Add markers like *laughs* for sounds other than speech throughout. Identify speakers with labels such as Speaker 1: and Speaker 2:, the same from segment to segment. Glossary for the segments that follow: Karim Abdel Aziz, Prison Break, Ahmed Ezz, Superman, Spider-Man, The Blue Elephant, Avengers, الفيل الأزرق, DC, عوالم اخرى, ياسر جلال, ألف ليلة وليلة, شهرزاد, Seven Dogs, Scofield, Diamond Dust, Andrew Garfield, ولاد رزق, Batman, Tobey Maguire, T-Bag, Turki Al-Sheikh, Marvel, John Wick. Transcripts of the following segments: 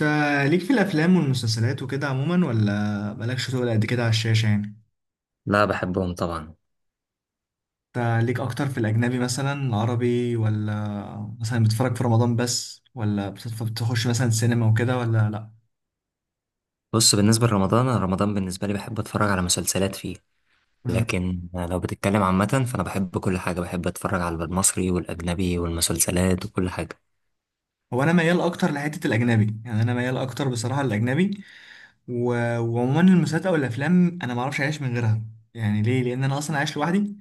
Speaker 1: انت ليك في الافلام والمسلسلات وكده عموما ولا مالكش تقول قد كده على الشاشه يعني.
Speaker 2: لا، بحبهم طبعا.
Speaker 1: انت ليك اكتر في الاجنبي مثلا العربي، ولا مثلا بتتفرج في رمضان بس، ولا بتخش مثلا سينما وكده ولا لا؟
Speaker 2: بص، بالنسبة لرمضان أنا رمضان بالنسبة لي بحب أتفرج على مسلسلات فيه.
Speaker 1: مم.
Speaker 2: لكن لو بتتكلم عامة فأنا بحب كل حاجة، بحب أتفرج على المصري والأجنبي والمسلسلات وكل حاجة.
Speaker 1: هو انا ميال اكتر لحته الاجنبي، يعني انا ميال اكتر بصراحه للاجنبي و... وعموما المسلسلات او الافلام انا ما اعرفش اعيش من غيرها. يعني ليه؟ لان انا اصلا عايش لوحدي،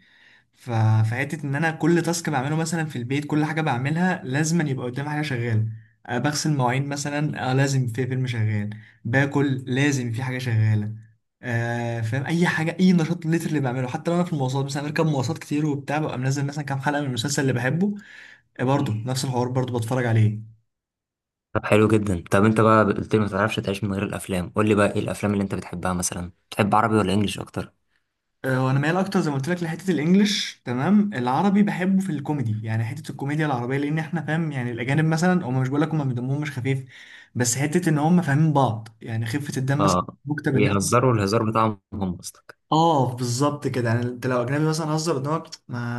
Speaker 1: ف- فحته ان انا كل تاسك بعمله مثلا في البيت، كل حاجه بعملها لازم يبقى قدامي حاجه شغاله. بغسل مواعين مثلا، لازم في فيلم شغال. باكل، لازم في حاجه شغاله. فاهم؟ اي حاجه، اي نشاط لتر اللي بعمله. حتى لو انا في المواصلات مثلا، بركب مواصلات كتير وبتاع، ببقى منزل مثلا كام حلقه من المسلسل اللي بحبه. برضه نفس الحوار برضه بتفرج عليه.
Speaker 2: طب حلو جدا. طب أنت بقى قلت لي ما تعرفش تعيش من غير الأفلام، قول لي بقى إيه الأفلام اللي أنت بتحبها؟ مثلا بتحب عربي ولا إنجليش أكتر؟
Speaker 1: وانا مايل اكتر زي ما قلت لك لحته الانجليش، تمام؟ العربي بحبه في الكوميدي، يعني حته الكوميديا العربيه، لان احنا فاهم؟ يعني الاجانب مثلا هم، مش بقول لك هم دمهم مش خفيف، بس حته ان هم فاهمين بعض، يعني خفه الدم مثلا
Speaker 2: آه،
Speaker 1: مكتب الناس.
Speaker 2: بيهزروا الهزار بتاعهم هم قصدك؟
Speaker 1: اه بالظبط كده. يعني انت لو اجنبي مثلا هزر قدامك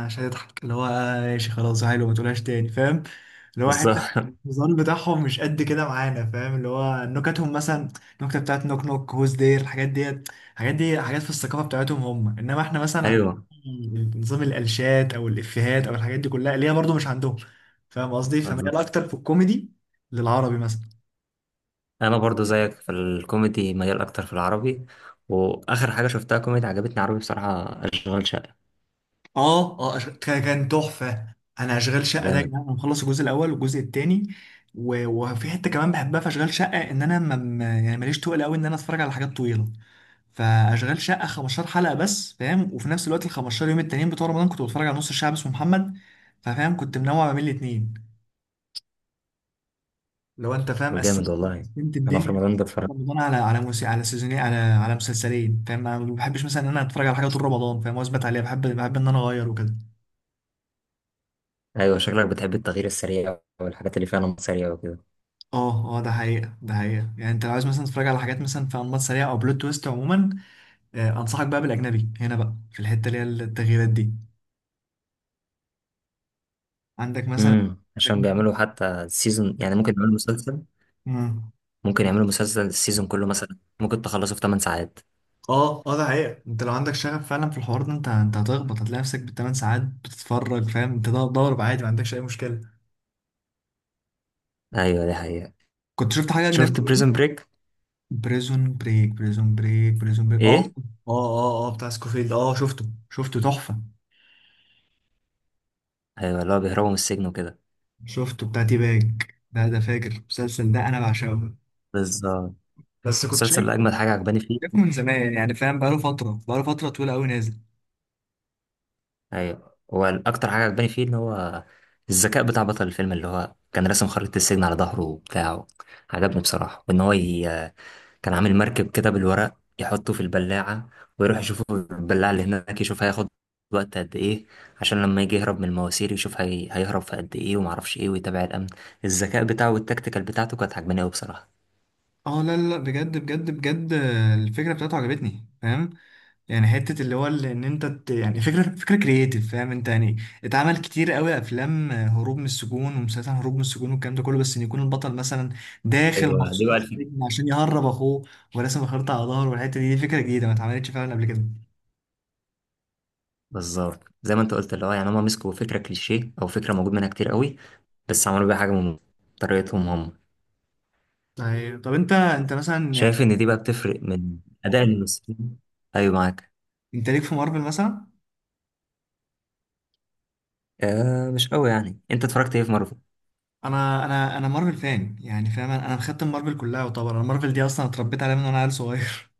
Speaker 1: مش هتضحك، اللي هو آه ماشي خلاص حلو ما تقولهاش تاني، فاهم؟ اللي هو
Speaker 2: بالظبط.
Speaker 1: حته
Speaker 2: *laughs*
Speaker 1: الهزار بتاعهم مش قد كده معانا، فاهم؟ اللي هو نكتهم مثلا، النكته بتاعت نوك نوك هوز دير، الحاجات ديت، الحاجات دي حاجات في الثقافه بتاعتهم هم. انما احنا مثلا عندنا
Speaker 2: أيوه،
Speaker 1: نظام الالشات او الافيهات او الحاجات دي كلها اللي هي برضو مش عندهم، فاهم قصدي؟ فميال
Speaker 2: بالظبط.
Speaker 1: اكتر في الكوميدي للعربي مثلا.
Speaker 2: أنا برضو زيك في الكوميدي ميال أكتر في العربي. وآخر حاجة شفتها كوميدي عجبتني عربي بصراحة أشغال شقة.
Speaker 1: اه كان تحفه. انا اشغال شقه ده يا
Speaker 2: جامد.
Speaker 1: جدعان انا مخلص الجزء الاول والجزء الثاني. وفي حته كمان بحبها في اشغال شقه، ان انا يعني ماليش تقل قوي ان انا اتفرج على حاجات طويله. فاشغال شقه 15 حلقه بس، فاهم؟ وفي نفس الوقت ال 15 يوم التانيين بتوع رمضان كنت بتفرج على نص الشعب اسمه محمد. ففاهم؟ كنت منوع ما بين الاثنين، لو انت فاهم. قسمت،
Speaker 2: جامد والله.
Speaker 1: قسمت
Speaker 2: انا في
Speaker 1: الدنيا.
Speaker 2: رمضان بتفرج.
Speaker 1: رمضان على موسي، على سيزونين، على مسلسلين، فاهم؟ انا ما بحبش مثلا ان انا اتفرج على حاجه طول رمضان فاهم واثبت عليها، بحب ان انا اغير وكده.
Speaker 2: ايوه، شكلك بتحب التغيير السريع والحاجات اللي فيها نمط سريع وكده.
Speaker 1: اه ده حقيقة، ده حقيقة. يعني انت لو عايز مثلا تتفرج على حاجات مثلا في انماط سريعة او بلوت تويست عموما، انصحك بقى بالاجنبي هنا بقى في الحتة اللي هي التغييرات دي، عندك مثلا.
Speaker 2: عشان بيعملوا حتى سيزون. يعني ممكن يعملوا مسلسل،
Speaker 1: مم.
Speaker 2: ممكن يعملوا مسلسل السيزون كله مثلا ممكن تخلصه في 8 ساعات.
Speaker 1: اه ده حقيقة. انت لو عندك شغف فعلا في الحوار ده انت هتخبط، هتلاقي نفسك بالثمان ساعات بتتفرج، فاهم؟ انت ده ضارب عادي، ما عندكش اي مشكلة.
Speaker 2: ايوه دي حقيقة.
Speaker 1: كنت شفت حاجة اجنبي
Speaker 2: شفت
Speaker 1: قريب؟
Speaker 2: بريزون بريك.
Speaker 1: بريزون بريك، بريزون بريك، بريزون بريك، اه
Speaker 2: ايه.
Speaker 1: اه. اه بتاع سكوفيلد، اه شفته، شفته تحفة.
Speaker 2: ايوه اللي هو بيهربوا من السجن وكده.
Speaker 1: شفته بتاع تي باج، ده فاجر المسلسل ده، انا بعشقه.
Speaker 2: بالظبط.
Speaker 1: بس كنت
Speaker 2: المسلسل
Speaker 1: شايف،
Speaker 2: اللي اجمد حاجة عجباني فيه.
Speaker 1: شايفه من زمان يعني، فاهم؟ بقاله فترة، بقاله فترة طويلة أوي نازل.
Speaker 2: ايوه، هو الاكتر حاجة عجباني فيه ان هو الذكاء بتاع بطل الفيلم، اللي هو كان راسم خريطة السجن على ظهره وبتاعه. عجبني بصراحة. وان هو كان عامل مركب كده بالورق يحطه في البلاعة، ويروح يشوفه في البلاعة اللي هناك يشوف هياخد وقت قد ايه. عشان لما يجي يهرب من المواسير يشوف هيهرب في قد ايه ومعرفش ايه ويتابع الأمن. الذكاء بتاعه والتكتيكال بتاعته كانت عجباني أوي بصراحة.
Speaker 1: اه لا، بجد الفكرة بتاعته عجبتني، فاهم؟ يعني حتة اللي هو اللي ان يعني فكرة كرييتيف، فاهم انت؟ يعني اتعمل كتير قوي افلام هروب من السجون ومسلسل هروب من السجون والكلام ده كله، بس ان يكون البطل مثلا داخل
Speaker 2: ايوه دي
Speaker 1: مخصوص
Speaker 2: بقى الفكره.
Speaker 1: السجن عشان يهرب اخوه وراسم خريطة على ظهره، والحتة دي دي فكرة جديدة ما اتعملتش فعلا قبل كده.
Speaker 2: بالظبط زي ما انت قلت، اللي هو يعني هما مسكوا فكرة كليشيه أو فكرة موجود منها كتير قوي، بس عملوا بيها حاجة من طريقتهم هم.
Speaker 1: طيب، طب انت مثلا يعني
Speaker 2: شايف إن دي بقى بتفرق من أداء الممثلين. أيوة، معاك.
Speaker 1: انت ليك في مارفل مثلا؟
Speaker 2: آه، مش قوي. يعني أنت اتفرجت إيه في مارفل؟
Speaker 1: انا مارفل فان، يعني فاهم؟ انا أنا مختم مارفل كلها، وطبعا انا مارفل دي اصلا اتربيت عليها من وانا عيل صغير.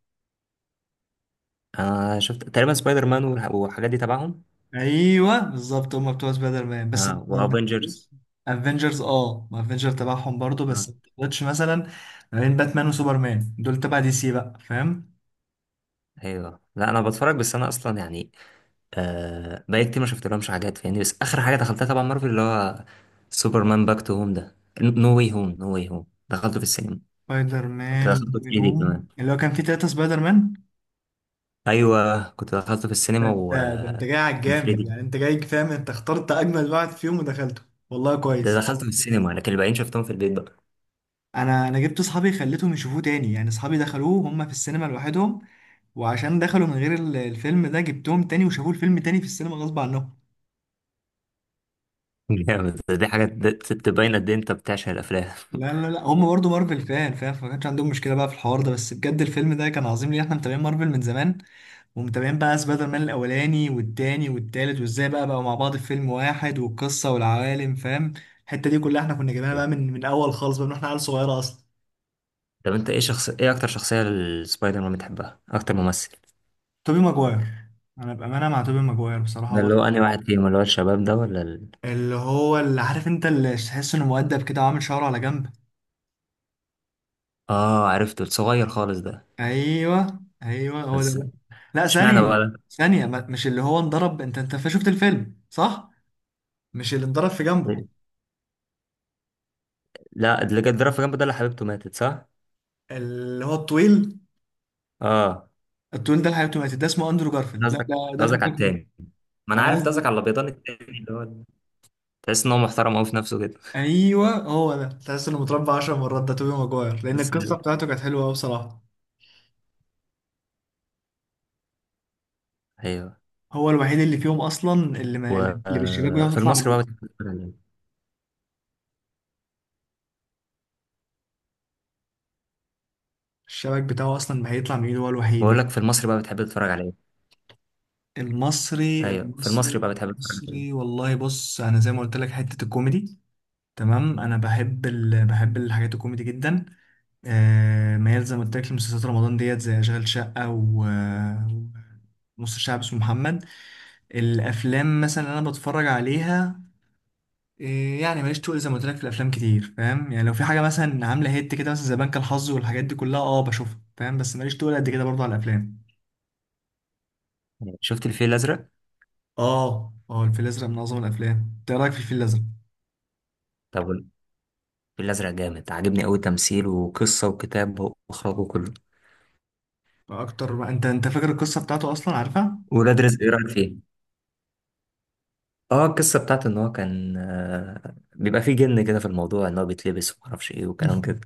Speaker 2: انا شفت تقريبا سبايدر مان والحاجات دي تبعهم.
Speaker 1: *laughs* ايوه بالظبط، هم بتوع سبايدر مان بس.
Speaker 2: اه وافنجرز.
Speaker 1: افنجرز، اه، ما افنجر تبعهم برضو، بس
Speaker 2: اه.
Speaker 1: ما تقدرش مثلا ما بين باتمان وسوبرمان، دول تبع دي سي بقى، فاهم؟
Speaker 2: ايوه لا، انا بتفرج بس انا اصلا يعني آه بقالي كتير ما شفت لهمش حاجات فاهمني. بس اخر حاجه دخلتها تبع مارفل اللي هو سوبرمان باك تو هوم ده، نو واي هوم. دخلته في السينما.
Speaker 1: سبايدر
Speaker 2: كنت
Speaker 1: مان
Speaker 2: دخلته في 3D
Speaker 1: هوم،
Speaker 2: كمان.
Speaker 1: اللي هو كان فيه تلاتة سبايدر مان.
Speaker 2: ايوه كنت دخلته في
Speaker 1: ده
Speaker 2: السينما
Speaker 1: انت، ده انت جاي على
Speaker 2: ومن
Speaker 1: الجامد
Speaker 2: 3D،
Speaker 1: يعني، انت جاي فاهم؟ انت اخترت اجمل واحد فيهم ودخلته. والله
Speaker 2: ده
Speaker 1: كويس.
Speaker 2: دخلته في السينما لكن الباقيين شفتهم في البيت بقى.
Speaker 1: انا جبت اصحابي خليتهم يشوفوه تاني، يعني اصحابي دخلوه هم في السينما لوحدهم وعشان دخلوا من غير الفيلم ده، جبتهم تاني وشافوه الفيلم تاني في السينما غصب عنهم.
Speaker 2: *laughs* جامد. دي حاجه تبين قد ايه انت بتعشق الافلام.
Speaker 1: لا هم برضو مارفل فان، فاهم؟ فما كانش عندهم مشكله بقى في الحوار ده، بس بجد الفيلم ده كان عظيم ليه. احنا متابعين مارفل من زمان، ومتابعين بقى سبايدر مان الاولاني والتاني والتالت، وازاي بقى بقوا مع بعض في فيلم واحد، والقصه والعوالم، فاهم؟ الحته دي كلها احنا كنا جايبينها بقى من الاول خالص بقى، من احنا عيال صغيره اصلا.
Speaker 2: طب انت ايه ايه اكتر شخصيه للسبايدر مان بتحبها؟ اكتر ممثل؟
Speaker 1: توبي ماجواير. انا بامانه مع توبي ماجواير بصراحه،
Speaker 2: ده
Speaker 1: هو
Speaker 2: اللي هو أنهي واحد فيهم؟ اللي هو الشباب ده ولا
Speaker 1: اللي هو اللي عارف انت، اللي تحس انه مؤدب كده وعامل شعره على جنب.
Speaker 2: آه، عرفته الصغير خالص ده.
Speaker 1: ايوه ايوه، هو ده.
Speaker 2: بس
Speaker 1: لا، لا،
Speaker 2: اشمعنى
Speaker 1: ثانيه،
Speaker 2: بقى ده؟
Speaker 1: ثانيه مش اللي هو انضرب؟ انت شفت الفيلم صح؟ مش اللي انضرب في جنبه،
Speaker 2: لا، اللي كان ضرب في جنبه ده اللي حبيبته ماتت صح؟
Speaker 1: اللي هو الطويل؟
Speaker 2: آه.
Speaker 1: الطويل ده الحقيقة ماتت، ده اسمه اندرو
Speaker 2: ده
Speaker 1: جارفيلد، لا
Speaker 2: قصدك
Speaker 1: ده،
Speaker 2: ده
Speaker 1: ده
Speaker 2: قصدك
Speaker 1: فكك
Speaker 2: على
Speaker 1: منه.
Speaker 2: التاني. ما أنا
Speaker 1: انا
Speaker 2: عارف ده قصدك على
Speaker 1: قصدي،
Speaker 2: الأبيضان التاني اللي هو تحس إن هو محترم أوي في نفسه كده.
Speaker 1: ايوه هو ده، تحس انه متربع 10 مرات، ده توبي ماجواير، لان
Speaker 2: بس
Speaker 1: القصه
Speaker 2: حلو.
Speaker 1: بتاعته كانت حلوه قوي بصراحه.
Speaker 2: أيوه.
Speaker 1: هو الوحيد اللي فيهم اصلا، اللي ما اللي بالشباك بتاعه
Speaker 2: وفي
Speaker 1: تطلع من
Speaker 2: المصري بقى
Speaker 1: ايده،
Speaker 2: بتحب تتفرج على إيه؟
Speaker 1: الشباك بتاعه اصلا ما هيطلع من ايده، هو
Speaker 2: بقول
Speaker 1: الوحيد.
Speaker 2: لك في المصري بقى بتحب تتفرج على إيه؟
Speaker 1: المصري
Speaker 2: أيوه في
Speaker 1: المصري
Speaker 2: المصري بقى بتحب تتفرج على
Speaker 1: المصري،
Speaker 2: إيه؟
Speaker 1: والله بص انا زي ما قلت لك، حته الكوميدي، تمام؟ انا بحب بحب الحاجات الكوميدي جدا. آه ميال زي ما قلت لك لمسلسلات رمضان ديت، زي اشغال شقه، و نص الشعب اسمه محمد. الافلام مثلا اللي انا بتفرج عليها، آه، يعني ماليش تقول زي ما قلت لك في الافلام كتير، فاهم؟ يعني لو في حاجه مثلا عامله هيت كده مثلا، زي بنك الحظ والحاجات دي كلها، اه بشوفها، فاهم؟ بس ماليش تقول قد كده برضه على الافلام.
Speaker 2: يعني شفت الفيل الأزرق؟
Speaker 1: اه الفيل الازرق من اعظم الافلام. انت إيه رايك في الفيل الازرق؟
Speaker 2: طب الفيل الأزرق جامد، عاجبني أوي تمثيل وقصة وكتاب وإخراج وكله.
Speaker 1: اكتر ما انت فاكر القصه بتاعته اصلا؟ عارفها.
Speaker 2: ولاد رزق إيه رأيك فيه؟ اه، القصة بتاعت ان هو كان بيبقى فيه جن كده في الموضوع ان هو بيتلبس ومعرفش ايه وكلام كده.
Speaker 1: *laughs*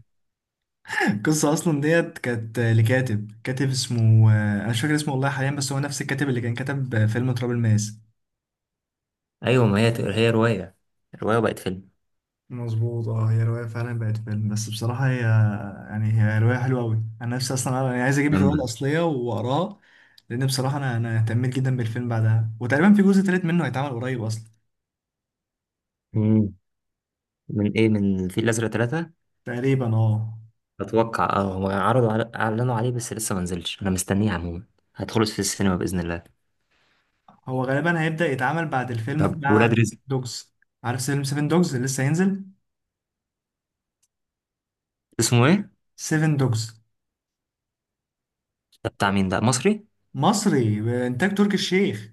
Speaker 1: القصه اصلا ديت كانت لكاتب، كاتب اسمه انا مش فاكر اسمه والله حاليا، بس هو نفس الكاتب اللي كان كتب فيلم تراب الماس.
Speaker 2: ايوه. ما هي رواية، الرواية بقت فيلم.
Speaker 1: مظبوط، اه هي رواية فعلا بقت فيلم، بس بصراحة هي يعني هي رواية حلوة أوي. أنا نفسي أصلا أنا عايز أجيب الرواية
Speaker 2: جامدة.
Speaker 1: الأصلية وأقراها، لأن بصراحة أنا اهتميت جدا بالفيلم بعدها، وتقريبا في جزء تالت منه هيتعمل قريب أصلا.
Speaker 2: مم. من ايه؟ من الفيل الازرق 3؟
Speaker 1: تقريبا اه.
Speaker 2: اتوقع اه، هو اعلنوا عليه بس لسه ما نزلش. انا مستنيه عموما، هدخله في السينما باذن الله.
Speaker 1: هو غالبا هيبدأ يتعمل بعد الفيلم
Speaker 2: طب
Speaker 1: بتاع
Speaker 2: ولاد رزق
Speaker 1: دوجز. عارف فيلم سيفن دوجز اللي لسه هينزل؟
Speaker 2: اسمه ايه؟
Speaker 1: سيفن دوجز.
Speaker 2: ده بتاع مين؟ ده مصري؟
Speaker 1: مصري بإنتاج تركي الشيخ.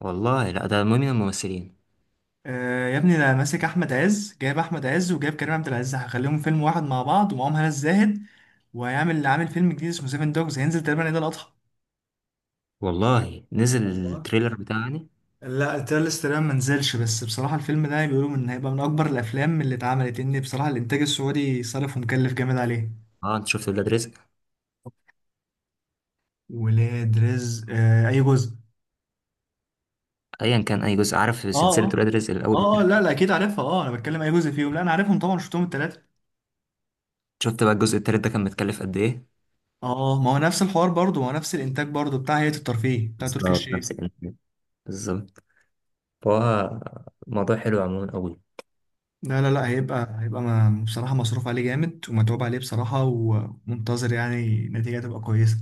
Speaker 2: والله لا، ده مهم من الممثلين.
Speaker 1: آه يا ابني ده ماسك أحمد عز، جايب أحمد عز وجايب كريم عبد العزيز، هخليهم فيلم واحد مع بعض ومعاهم هنا الزاهد، وهيعمل عامل فيلم جديد اسمه سيفن دوجز، هينزل تقريبا عيد الأضحى.
Speaker 2: والله نزل
Speaker 1: الله.
Speaker 2: التريلر بتاعه يعني.
Speaker 1: لا التريلر تقريبا ما نزلش، بس بصراحة الفيلم ده بيقولوا إن هيبقى من أكبر الأفلام اللي اتعملت، إن بصراحة الإنتاج السعودي صرف ومكلف جامد عليه.
Speaker 2: اه انت شفت ولاد رزق؟
Speaker 1: ولاد رزق، آه، أي جزء؟
Speaker 2: ايا كان اي جزء، عارف
Speaker 1: اه
Speaker 2: سلسلة
Speaker 1: اه
Speaker 2: ولاد رزق الاول.
Speaker 1: اه، لا لا أكيد عارفها، اه أنا بتكلم أي جزء فيهم، لا أنا عارفهم طبعا، شفتهم التلاتة.
Speaker 2: شفت بقى الجزء التالت ده كان متكلف قد ايه.
Speaker 1: اه ما هو نفس الحوار برضه، ما هو نفس الانتاج برضه، بتاع هيئة الترفيه، بتاع تركي
Speaker 2: بالظبط
Speaker 1: الشيخ.
Speaker 2: نفس الكلام. بالظبط. فهو الموضوع حلو عموما قوي.
Speaker 1: لا هيبقى ما بصراحة مصروف عليه جامد ومتعوب عليه بصراحة، ومنتظر يعني نتيجة تبقى كويسة.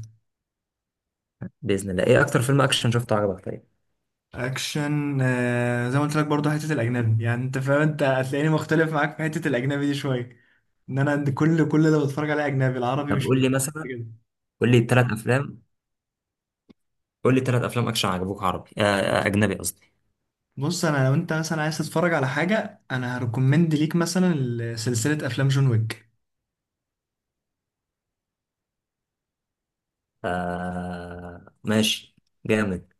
Speaker 2: باذن الله. ايه اكتر فيلم اكشن شفته عجبك؟ طيب.
Speaker 1: اكشن، آه زي ما قلت لك برضه حتة الاجنبي، يعني انت فاهم انت هتلاقيني مختلف معاك في حتة الاجنبي دي شوية، ان انا عند كل اللي بتفرج عليه اجنبي، العربي
Speaker 2: طب
Speaker 1: مش كده.
Speaker 2: قول لي ثلاث افلام قول لي 3 افلام اكشن عجبوك عربي اجنبي قصدي.
Speaker 1: بص انا لو انت مثلا عايز تتفرج على حاجة، انا هريكومند ليك مثلا سلسلة افلام جون ويك.
Speaker 2: آه ماشي. جامد.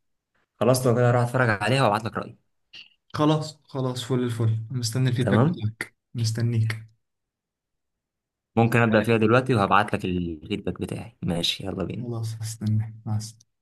Speaker 2: خلاص لو كده هروح اتفرج عليها وابعت لك رايي.
Speaker 1: خلاص فل الفل، مستني الفيدباك
Speaker 2: تمام.
Speaker 1: بتاعك، مستنيك.
Speaker 2: ممكن ابدا فيها دلوقتي وهبعت لك الفيدباك بتاعي. ماشي يلا بينا.
Speaker 1: خلاص، هستنى، مع السلامة.